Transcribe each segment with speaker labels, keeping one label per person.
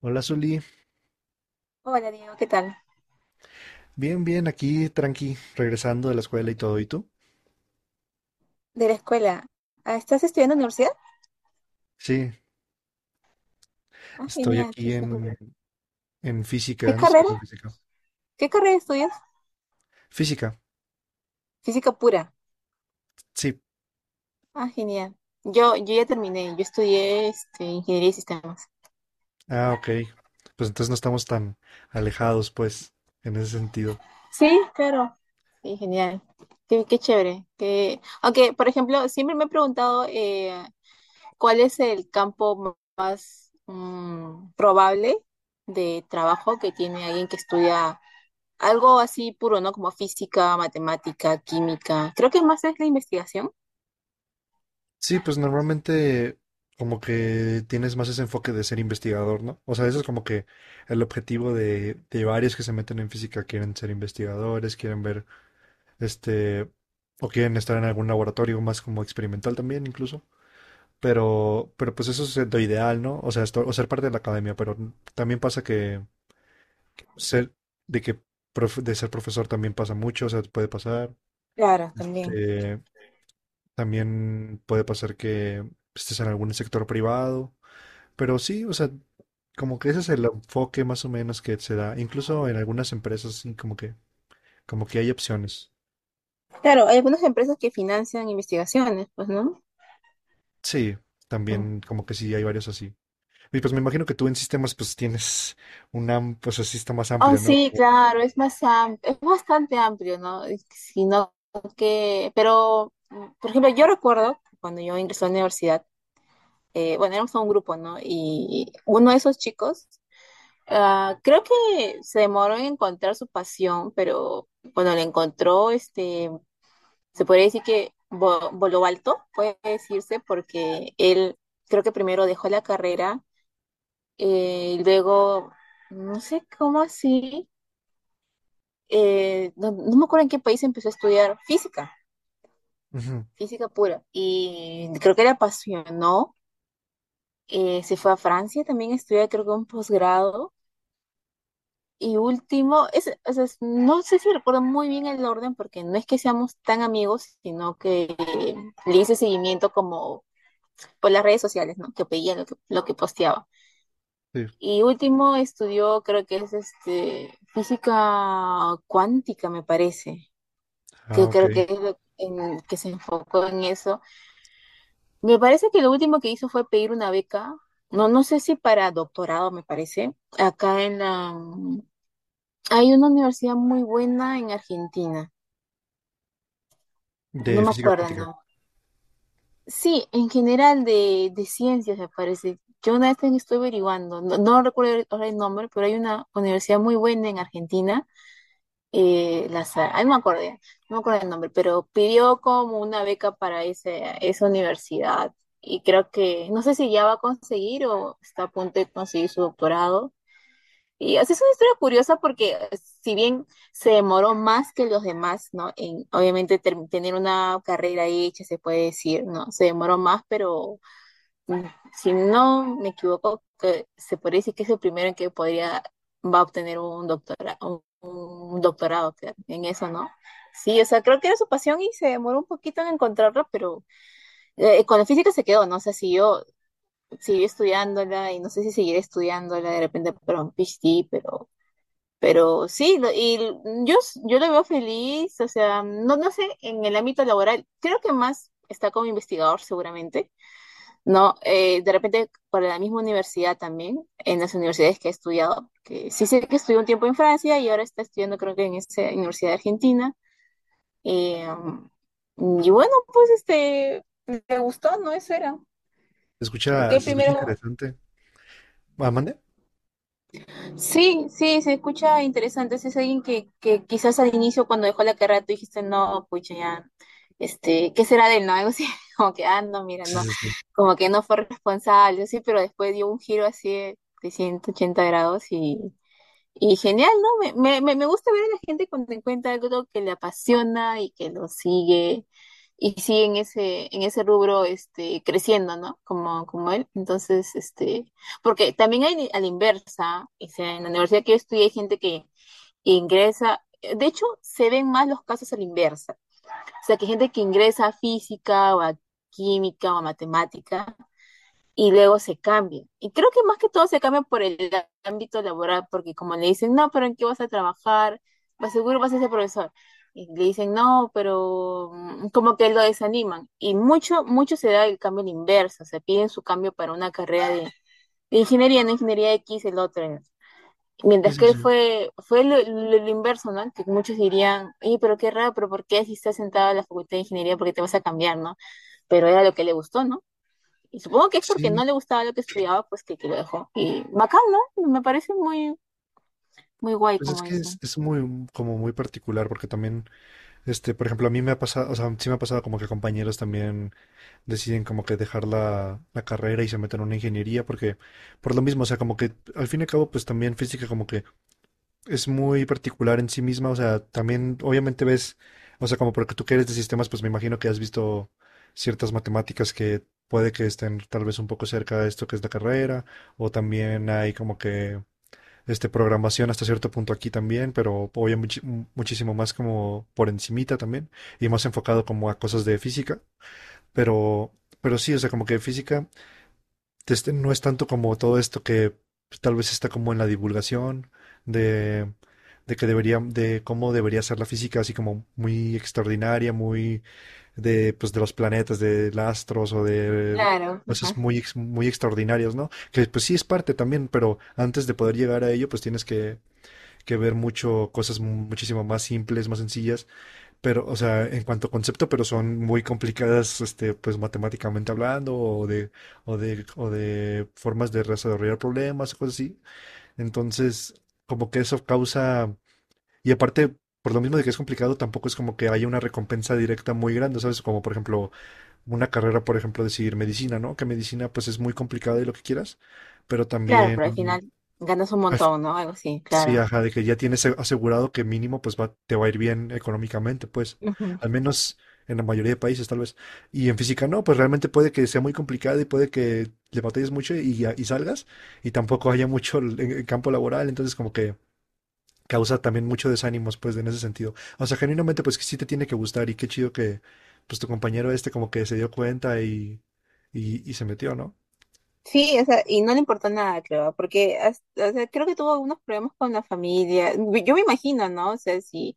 Speaker 1: Hola, Zuli.
Speaker 2: Hola, Diego, ¿qué tal?
Speaker 1: Bien, bien, aquí, tranqui, regresando de la escuela y todo. ¿Y tú?
Speaker 2: De la escuela. Ah, ¿estás estudiando en la universidad?
Speaker 1: Sí,
Speaker 2: Ah,
Speaker 1: estoy
Speaker 2: genial.
Speaker 1: aquí
Speaker 2: Chévere.
Speaker 1: en
Speaker 2: ¿Qué
Speaker 1: física. ¿No estoy
Speaker 2: carrera?
Speaker 1: viendo física?
Speaker 2: ¿Qué carrera estudias?
Speaker 1: Física,
Speaker 2: Física pura.
Speaker 1: sí.
Speaker 2: Ah, genial. Yo ya terminé. Yo estudié ingeniería y sistemas.
Speaker 1: Ah, ok. Pues entonces no estamos tan alejados, pues, en ese sentido.
Speaker 2: Sí, claro. Sí, genial. Qué chévere. Que Aunque, por ejemplo, siempre me he preguntado cuál es el campo más probable de trabajo que tiene alguien que estudia algo así puro, ¿no? Como física, matemática, química. Creo que más es la investigación.
Speaker 1: Sí, pues normalmente como que tienes más ese enfoque de ser investigador, ¿no? O sea, eso es como que el objetivo de varios que se meten en física. Quieren ser investigadores, quieren ver, este, o quieren estar en algún laboratorio más como experimental también, incluso. Pero pues eso es lo ideal, ¿no? O sea, o ser parte de la academia, pero también pasa que ser, de que de ser profesor también pasa mucho, o sea, puede pasar.
Speaker 2: Claro, también.
Speaker 1: Este, también puede pasar que estés en algún sector privado, pero sí, o sea, como que ese es el enfoque más o menos que se da, incluso en algunas empresas, sí, como que hay opciones.
Speaker 2: Claro, hay algunas empresas que financian investigaciones, pues, ¿no?
Speaker 1: Sí,
Speaker 2: Mm.
Speaker 1: también como que sí hay varios así. Y pues me imagino que tú en sistemas pues tienes un pues así está más
Speaker 2: Oh,
Speaker 1: amplio, ¿no?
Speaker 2: sí,
Speaker 1: Como...
Speaker 2: claro, es bastante amplio, ¿no? Sino que, pero, por ejemplo, yo recuerdo cuando yo ingresé a la universidad, bueno, éramos un grupo, ¿no? Y uno de esos chicos, creo que se demoró en encontrar su pasión, pero cuando la encontró, se podría decir que voló alto, puede decirse, porque él creo que primero dejó la carrera y luego, no sé cómo así, no me acuerdo en qué país empezó a estudiar física,
Speaker 1: Ujú.
Speaker 2: física pura, y creo que le apasionó, se fue a Francia también a estudiar creo que un posgrado. Y último, es, o sea, no sé si recuerdo muy bien el orden porque no es que seamos tan amigos, sino que le hice seguimiento como por las redes sociales, ¿no? Que pedía lo que posteaba.
Speaker 1: Sí.
Speaker 2: Y último estudió, creo que es física cuántica, me parece,
Speaker 1: Ah,
Speaker 2: que
Speaker 1: ok.
Speaker 2: creo que que se enfocó en eso. Me parece que lo último que hizo fue pedir una beca, no, no sé si para doctorado, me parece, acá en la... Hay una universidad muy buena en Argentina, no
Speaker 1: De
Speaker 2: me
Speaker 1: física
Speaker 2: acuerdo,
Speaker 1: cuántica.
Speaker 2: no. Sí, en general de ciencias me parece. Yo una vez también estoy averiguando, no, no recuerdo ahora el nombre, pero hay una universidad muy buena en Argentina, no me acuerdo, ya, no me acuerdo el nombre, pero pidió como una beca para esa universidad y creo que, no sé si ya va a conseguir o está a punto de conseguir su doctorado. Y así es una historia curiosa porque si bien se demoró más que los demás, ¿no? En, obviamente tener una carrera hecha, se puede decir, ¿no? Se demoró más, pero mm, si no me equivoco, que se podría decir que es el primero en que podría, va a obtener un doctorado creo, en eso, ¿no? Sí, o sea, creo que era su pasión y se demoró un poquito en encontrarla, pero con la física se quedó, ¿no? O sea, siguió, siguió estudiándola y no sé si seguiré estudiándola de repente para un PhD, pero sí, yo lo veo feliz, o sea, no, no sé, en el ámbito laboral, creo que más está como investigador seguramente, no, de repente para la misma universidad también, en las universidades que he estudiado, que sí sé que estudió un tiempo en Francia y ahora está estudiando creo que en esa Universidad de Argentina. Eh, y bueno, pues me gustó, ¿no? Eso era. Porque
Speaker 1: Se escucha
Speaker 2: primero
Speaker 1: interesante. ¿Ah, mande?
Speaker 2: sí, sí, se escucha interesante. Si es alguien que quizás al inicio cuando dejó la carrera tú dijiste, no, pucha, ya, ¿qué será de él? No, algo así, como que, ah, no, mira,
Speaker 1: Sí,
Speaker 2: no,
Speaker 1: sí, sí.
Speaker 2: como que no fue responsable, sí, pero después dio un giro así de 380 grados y genial, ¿no? Me gusta ver a la gente cuando encuentra algo que le apasiona y que lo sigue y sigue en en ese rubro creciendo, ¿no? Como, como él. Entonces, porque también hay a la inversa, o sea, en la universidad que yo estudié hay gente que ingresa, de hecho, se ven más los casos a la inversa. O sea, que gente que ingresa a física o a química o a matemática y luego se cambian. Y creo que más que todo se cambian por el ámbito laboral, porque como le dicen, no, pero ¿en qué vas a trabajar? Pues seguro vas a ser profesor. Y le dicen, no, pero como que lo desaniman. Y mucho, mucho se da el cambio al inverso, se piden su cambio para una carrera de ingeniería, no ingeniería X, el otro. ¿No?
Speaker 1: Sí,
Speaker 2: Mientras
Speaker 1: sí,
Speaker 2: que él
Speaker 1: sí.
Speaker 2: fue, fue lo inverso, ¿no? Que muchos dirían, oye, pero qué raro, pero ¿por qué si estás sentado en la facultad de ingeniería, por qué te vas a cambiar, ¿no? Pero era lo que le gustó, ¿no? Y supongo que es porque
Speaker 1: Sí,
Speaker 2: no le gustaba lo que estudiaba, pues que lo dejó. Y bacán, ¿no? Me parece muy, muy guay,
Speaker 1: pues es
Speaker 2: como
Speaker 1: que
Speaker 2: dicen.
Speaker 1: es muy, como muy particular, porque también, por ejemplo, a mí me ha pasado, o sea, sí me ha pasado como que compañeros también deciden como que dejar la, la carrera y se meten a una ingeniería, porque por lo mismo, o sea, como que al fin y al cabo, pues también física como que es muy particular en sí misma, o sea, también obviamente ves, o sea, como porque tú que eres de sistemas, pues me imagino que has visto ciertas matemáticas que puede que estén tal vez un poco cerca de esto que es la carrera, o también hay como que este programación hasta cierto punto aquí también, pero obviamente muchísimo más como por encimita también, y más enfocado como a cosas de física, pero sí, o sea, como que física no es tanto como todo esto que pues, tal vez está como en la divulgación de, de que debería, de cómo debería ser la física, así como muy extraordinaria, muy de, pues, de los planetas, de los astros o de
Speaker 2: Claro.
Speaker 1: cosas
Speaker 2: Ajá.
Speaker 1: muy, muy extraordinarias, ¿no? Que pues sí es parte también, pero antes de poder llegar a ello, pues tienes que ver mucho, cosas muchísimo más simples, más sencillas pero, o sea, en cuanto a concepto, pero son muy complicadas, pues matemáticamente hablando, o de formas de resolver problemas, cosas así. Entonces, como que eso causa, y aparte, por lo mismo de que es complicado, tampoco es como que haya una recompensa directa muy grande, ¿sabes? Como por ejemplo, una carrera, por ejemplo, decidir medicina, ¿no? Que medicina, pues es muy complicada y lo que quieras, pero
Speaker 2: Claro,
Speaker 1: también
Speaker 2: pero al final ganas un
Speaker 1: al...
Speaker 2: montón, ¿no? Algo así,
Speaker 1: Sí,
Speaker 2: claro.
Speaker 1: ajá, de que ya tienes asegurado que mínimo pues va, te va a ir bien económicamente, pues,
Speaker 2: Ujú.
Speaker 1: al menos en la mayoría de países tal vez. Y en física no, pues realmente puede que sea muy complicado y puede que le batalles mucho y, y salgas y tampoco haya mucho el, en campo laboral, entonces como que causa también mucho desánimos pues en ese sentido. O sea, genuinamente pues que sí te tiene que gustar y qué chido que pues tu compañero este como que se dio cuenta y se metió, ¿no?
Speaker 2: Sí, o sea, y no le importó nada, creo, porque hasta- o sea, creo que tuvo algunos problemas con la familia. Yo me imagino, ¿no? O sea,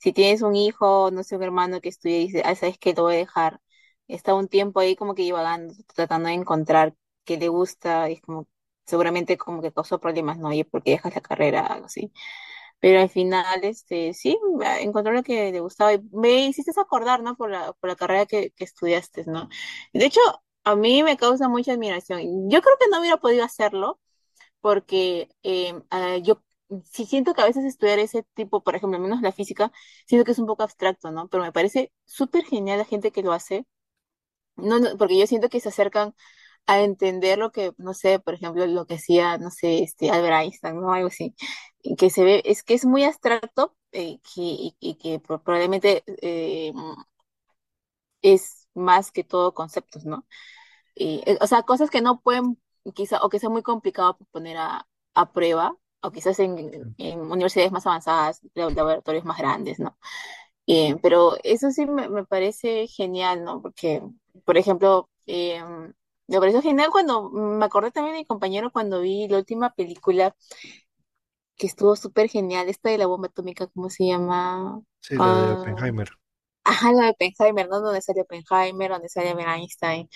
Speaker 2: si tienes un hijo, no sé, un hermano que estudia y dice, ah, sabes que lo voy a dejar, está un tiempo ahí como que divagando, tratando de encontrar qué le gusta, y es como, seguramente como que causó problemas, ¿no? Oye, ¿por qué dejas la carrera? Algo así. Pero al final, sí, ah, encontró lo que le gustaba y me hiciste acordar, ¿no? Por por la carrera que estudiaste, ¿no? De hecho, a mí me causa mucha admiración. Yo creo que no hubiera podido hacerlo porque yo sí siento que a veces estudiar ese tipo, por ejemplo, al menos la física, siento que es un poco abstracto, ¿no? Pero me parece súper genial la gente que lo hace, no, no, porque yo siento que se acercan a entender lo que, no sé, por ejemplo, lo que hacía, no sé, Albert Einstein, ¿no? Algo así, y que se ve, es que es muy abstracto y que probablemente es más que todo conceptos, ¿no? Y, o sea, cosas que no pueden, quizá, o que sea muy complicado poner a prueba, o quizás en universidades más avanzadas, laboratorios más grandes, ¿no? Pero eso sí me parece genial, ¿no? Porque, por ejemplo, me pareció genial cuando, me acordé también de mi compañero cuando vi la última película que estuvo súper genial, esta de la bomba atómica, ¿cómo se llama?
Speaker 1: Sí, la de
Speaker 2: Ah,
Speaker 1: Oppenheimer.
Speaker 2: ajá, la de Oppenheimer, ¿no? Donde sale Oppenheimer, donde sale Einstein.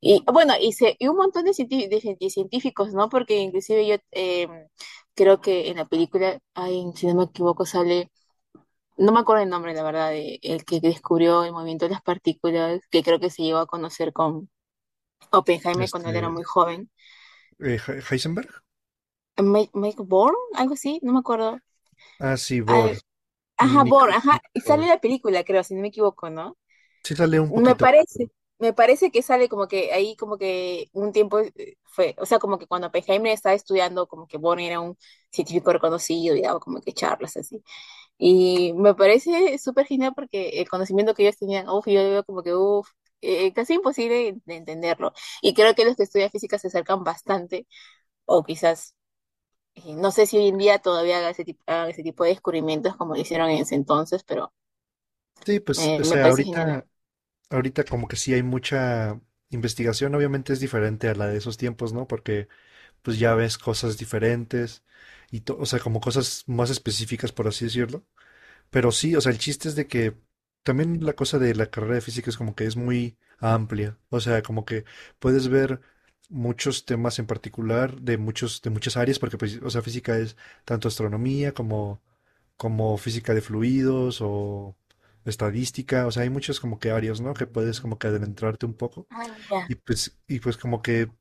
Speaker 2: Y bueno, y un montón de científicos, ¿no? Porque inclusive yo creo que en la película, ay, si no me equivoco, sale, no me acuerdo el nombre, la verdad, el que descubrió el movimiento de las partículas, que creo que se llegó a conocer con Oppenheimer cuando
Speaker 1: Este,
Speaker 2: él era muy joven.
Speaker 1: Heisenberg.
Speaker 2: Mike Born, algo así, no me acuerdo.
Speaker 1: Ah, sí,
Speaker 2: Al-
Speaker 1: Bohr.
Speaker 2: ajá, Born,
Speaker 1: Nickel,
Speaker 2: ajá,
Speaker 1: Nickel
Speaker 2: y sale
Speaker 1: por.
Speaker 2: la película, creo, si no me equivoco, ¿no?
Speaker 1: Sí sale un
Speaker 2: Me
Speaker 1: poquito. Me
Speaker 2: parece, me parece que sale como que ahí como que un tiempo fue, o sea, como que cuando Oppenheimer estaba estudiando, como que Bonner era un científico reconocido y daba como que charlas así. Y me parece súper genial porque el conocimiento que ellos tenían, uff, yo veo como que, uff, casi imposible de entenderlo. Y creo que los que estudian física se acercan bastante, o quizás, no sé si hoy en día todavía hagan ese tipo de descubrimientos como lo hicieron en ese entonces, pero
Speaker 1: sí, pues, o
Speaker 2: me
Speaker 1: sea,
Speaker 2: parece genial.
Speaker 1: ahorita, ahorita como que sí hay mucha investigación, obviamente es diferente a la de esos tiempos, ¿no? Porque pues ya ves cosas diferentes y, o sea, como cosas más específicas, por así decirlo. Pero sí, o sea, el chiste es de que también la cosa de la carrera de física es como que es muy amplia. O sea, como que puedes ver muchos temas en particular de muchos, de muchas áreas, porque pues, o sea, física es tanto astronomía como, como física de fluidos o estadística. O sea, hay muchas como que áreas, ¿no? Que puedes como que adentrarte un poco.
Speaker 2: Ah, mira.
Speaker 1: Y pues como que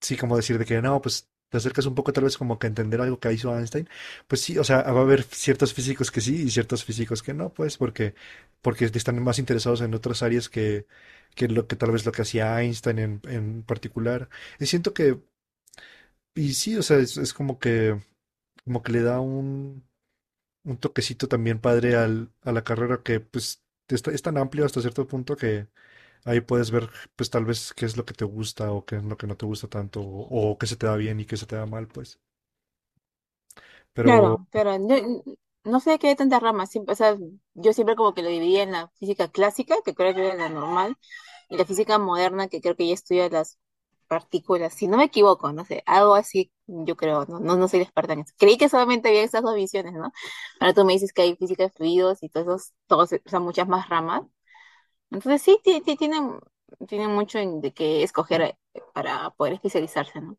Speaker 1: sí, como decir de que no, pues te acercas un poco tal vez como que a entender algo que hizo Einstein, pues sí, o sea, va a haber ciertos físicos que sí y ciertos físicos que no, pues porque, porque están más interesados en otras áreas que lo que tal vez lo que hacía Einstein en particular. Y siento que, y sí, o sea, es como que le da un toquecito también padre al, a la carrera que pues es, es tan amplio hasta cierto punto que, ahí puedes ver, pues tal vez qué es lo que te gusta o qué es lo que no te gusta tanto o qué se te da bien y qué se te da mal, pues. Pero
Speaker 2: Claro, claro. No, no sé qué hay tantas ramas. Siempre, o sea, yo siempre como que lo dividía en la física clásica, que creo que era la normal, y la física moderna, que creo que ya estudia las partículas. Si no me equivoco, no sé, algo así, yo creo, no, no, no soy la experta en eso. Creí que solamente había esas dos visiones, ¿no? Ahora tú me dices que hay física de fluidos y todos esos, todos, o sea, muchas más ramas. Entonces sí, tienen tiene mucho de qué escoger para poder especializarse, ¿no?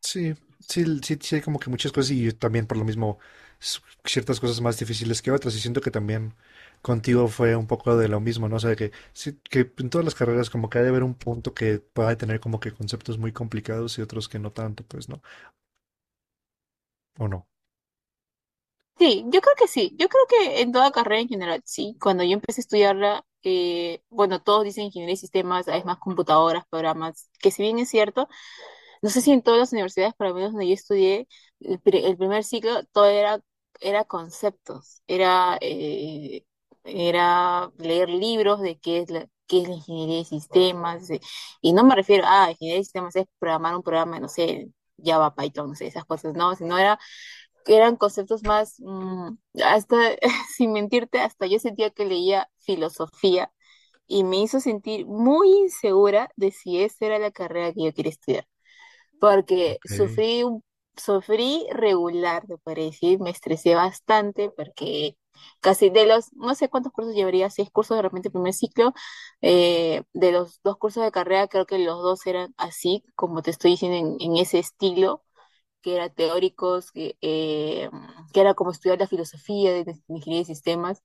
Speaker 1: sí, sí, sí, sí hay como que muchas cosas y también por lo mismo s- ciertas cosas más difíciles que otras y siento que también contigo fue un poco de lo mismo, ¿no? O sea, que, sí, que en todas las carreras como que ha de haber un punto que pueda tener como que conceptos muy complicados y otros que no tanto, pues, ¿no? ¿O no?
Speaker 2: Sí, yo creo que sí. Yo creo que en toda carrera en general, sí. Cuando yo empecé a estudiarla, bueno, todos dicen ingeniería y sistemas, es más computadoras, programas, que si bien es cierto, no sé si en todas las universidades, por lo menos donde yo estudié, el, el primer ciclo, todo era, era conceptos, era, era leer libros de qué es qué es la ingeniería de sistemas. Y no me refiero a ingeniería de sistemas es programar un programa, no sé, Java, Python, no sé, esas cosas, no, sino era eran conceptos más, hasta, sin mentirte, hasta yo sentía que leía filosofía y me hizo sentir muy insegura de si esa era la carrera que yo quería estudiar, porque
Speaker 1: Ok.
Speaker 2: sufrí regular, te podría decir, me estresé bastante porque casi de los, no sé cuántos cursos llevaría, 6 cursos de repente primer ciclo, de los dos cursos de carrera creo que los dos eran así, como te estoy diciendo, en ese estilo que eran teóricos, que era como estudiar la filosofía de ingeniería de sistemas,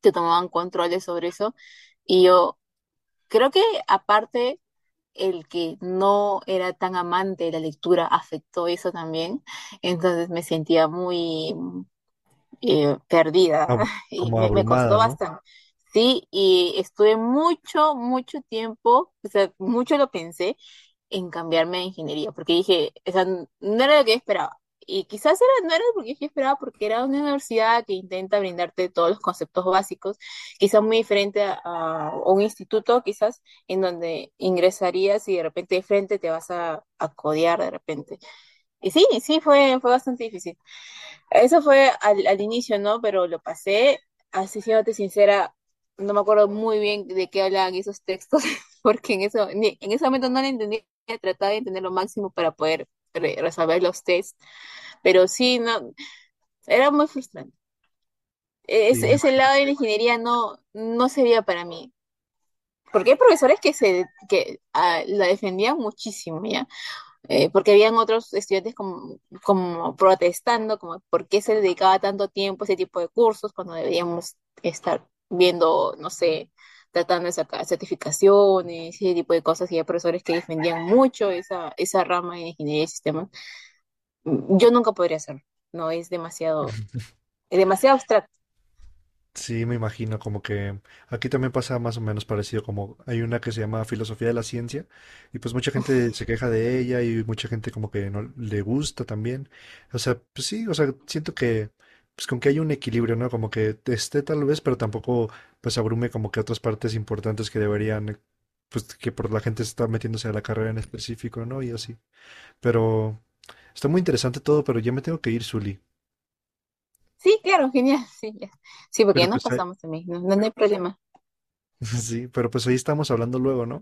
Speaker 2: te tomaban controles sobre eso. Y yo creo que aparte el que no era tan amante de la lectura afectó eso también, entonces me sentía muy perdida
Speaker 1: Ab-
Speaker 2: y
Speaker 1: Como
Speaker 2: me
Speaker 1: abrumada,
Speaker 2: costó
Speaker 1: ¿no?
Speaker 2: bastante. Sí, y estuve mucho, mucho tiempo, o sea, mucho lo pensé en cambiarme a ingeniería, porque dije, o sea, no era lo que yo esperaba. Y quizás era, no era lo que yo esperaba, porque era una universidad que intenta brindarte todos los conceptos básicos, quizás muy diferente a un instituto, quizás en donde ingresarías y de repente de frente te vas a codear de repente. Y sí, sí, fue, fue bastante difícil. Eso fue al inicio, ¿no? Pero lo pasé, así siéndote sincera, no me acuerdo muy bien de qué hablaban esos textos, porque en eso, en ese momento no lo entendía, trataba de entender lo máximo para poder resolver los tests, pero sí, no, era muy frustrante.
Speaker 1: Sí,
Speaker 2: Ese
Speaker 1: me
Speaker 2: ese
Speaker 1: imagino.
Speaker 2: lado de la ingeniería no, no sería para mí, porque hay profesores que ah, la defendían muchísimo, ¿ya? Porque habían otros estudiantes como, como protestando, como por qué se dedicaba tanto tiempo a ese tipo de cursos cuando deberíamos estar viendo, no sé, tratando de sacar certificaciones, ese tipo de cosas, y hay profesores que defendían mucho esa rama en ingeniería de sistemas. Yo nunca podría hacerlo, no es demasiado, es demasiado abstracto.
Speaker 1: Sí, me imagino, como que aquí también pasa más o menos parecido, como hay una que se llama Filosofía de la Ciencia, y pues mucha gente se queja de ella y mucha gente como que no le gusta también. O sea, pues sí, o sea, siento que pues con que hay un equilibrio, ¿no? Como que esté tal vez, pero tampoco pues abrume como que otras partes importantes que deberían, pues que por la gente está metiéndose a la carrera en específico, ¿no? Y así. Pero está muy interesante todo, pero ya me tengo que ir, Zuli.
Speaker 2: Sí, claro, genial, sí, ya. Sí, porque ya
Speaker 1: Pero
Speaker 2: nos
Speaker 1: pues ahí...
Speaker 2: pasamos también, no, no no hay problema.
Speaker 1: sí, pero pues ahí estamos hablando luego, ¿no?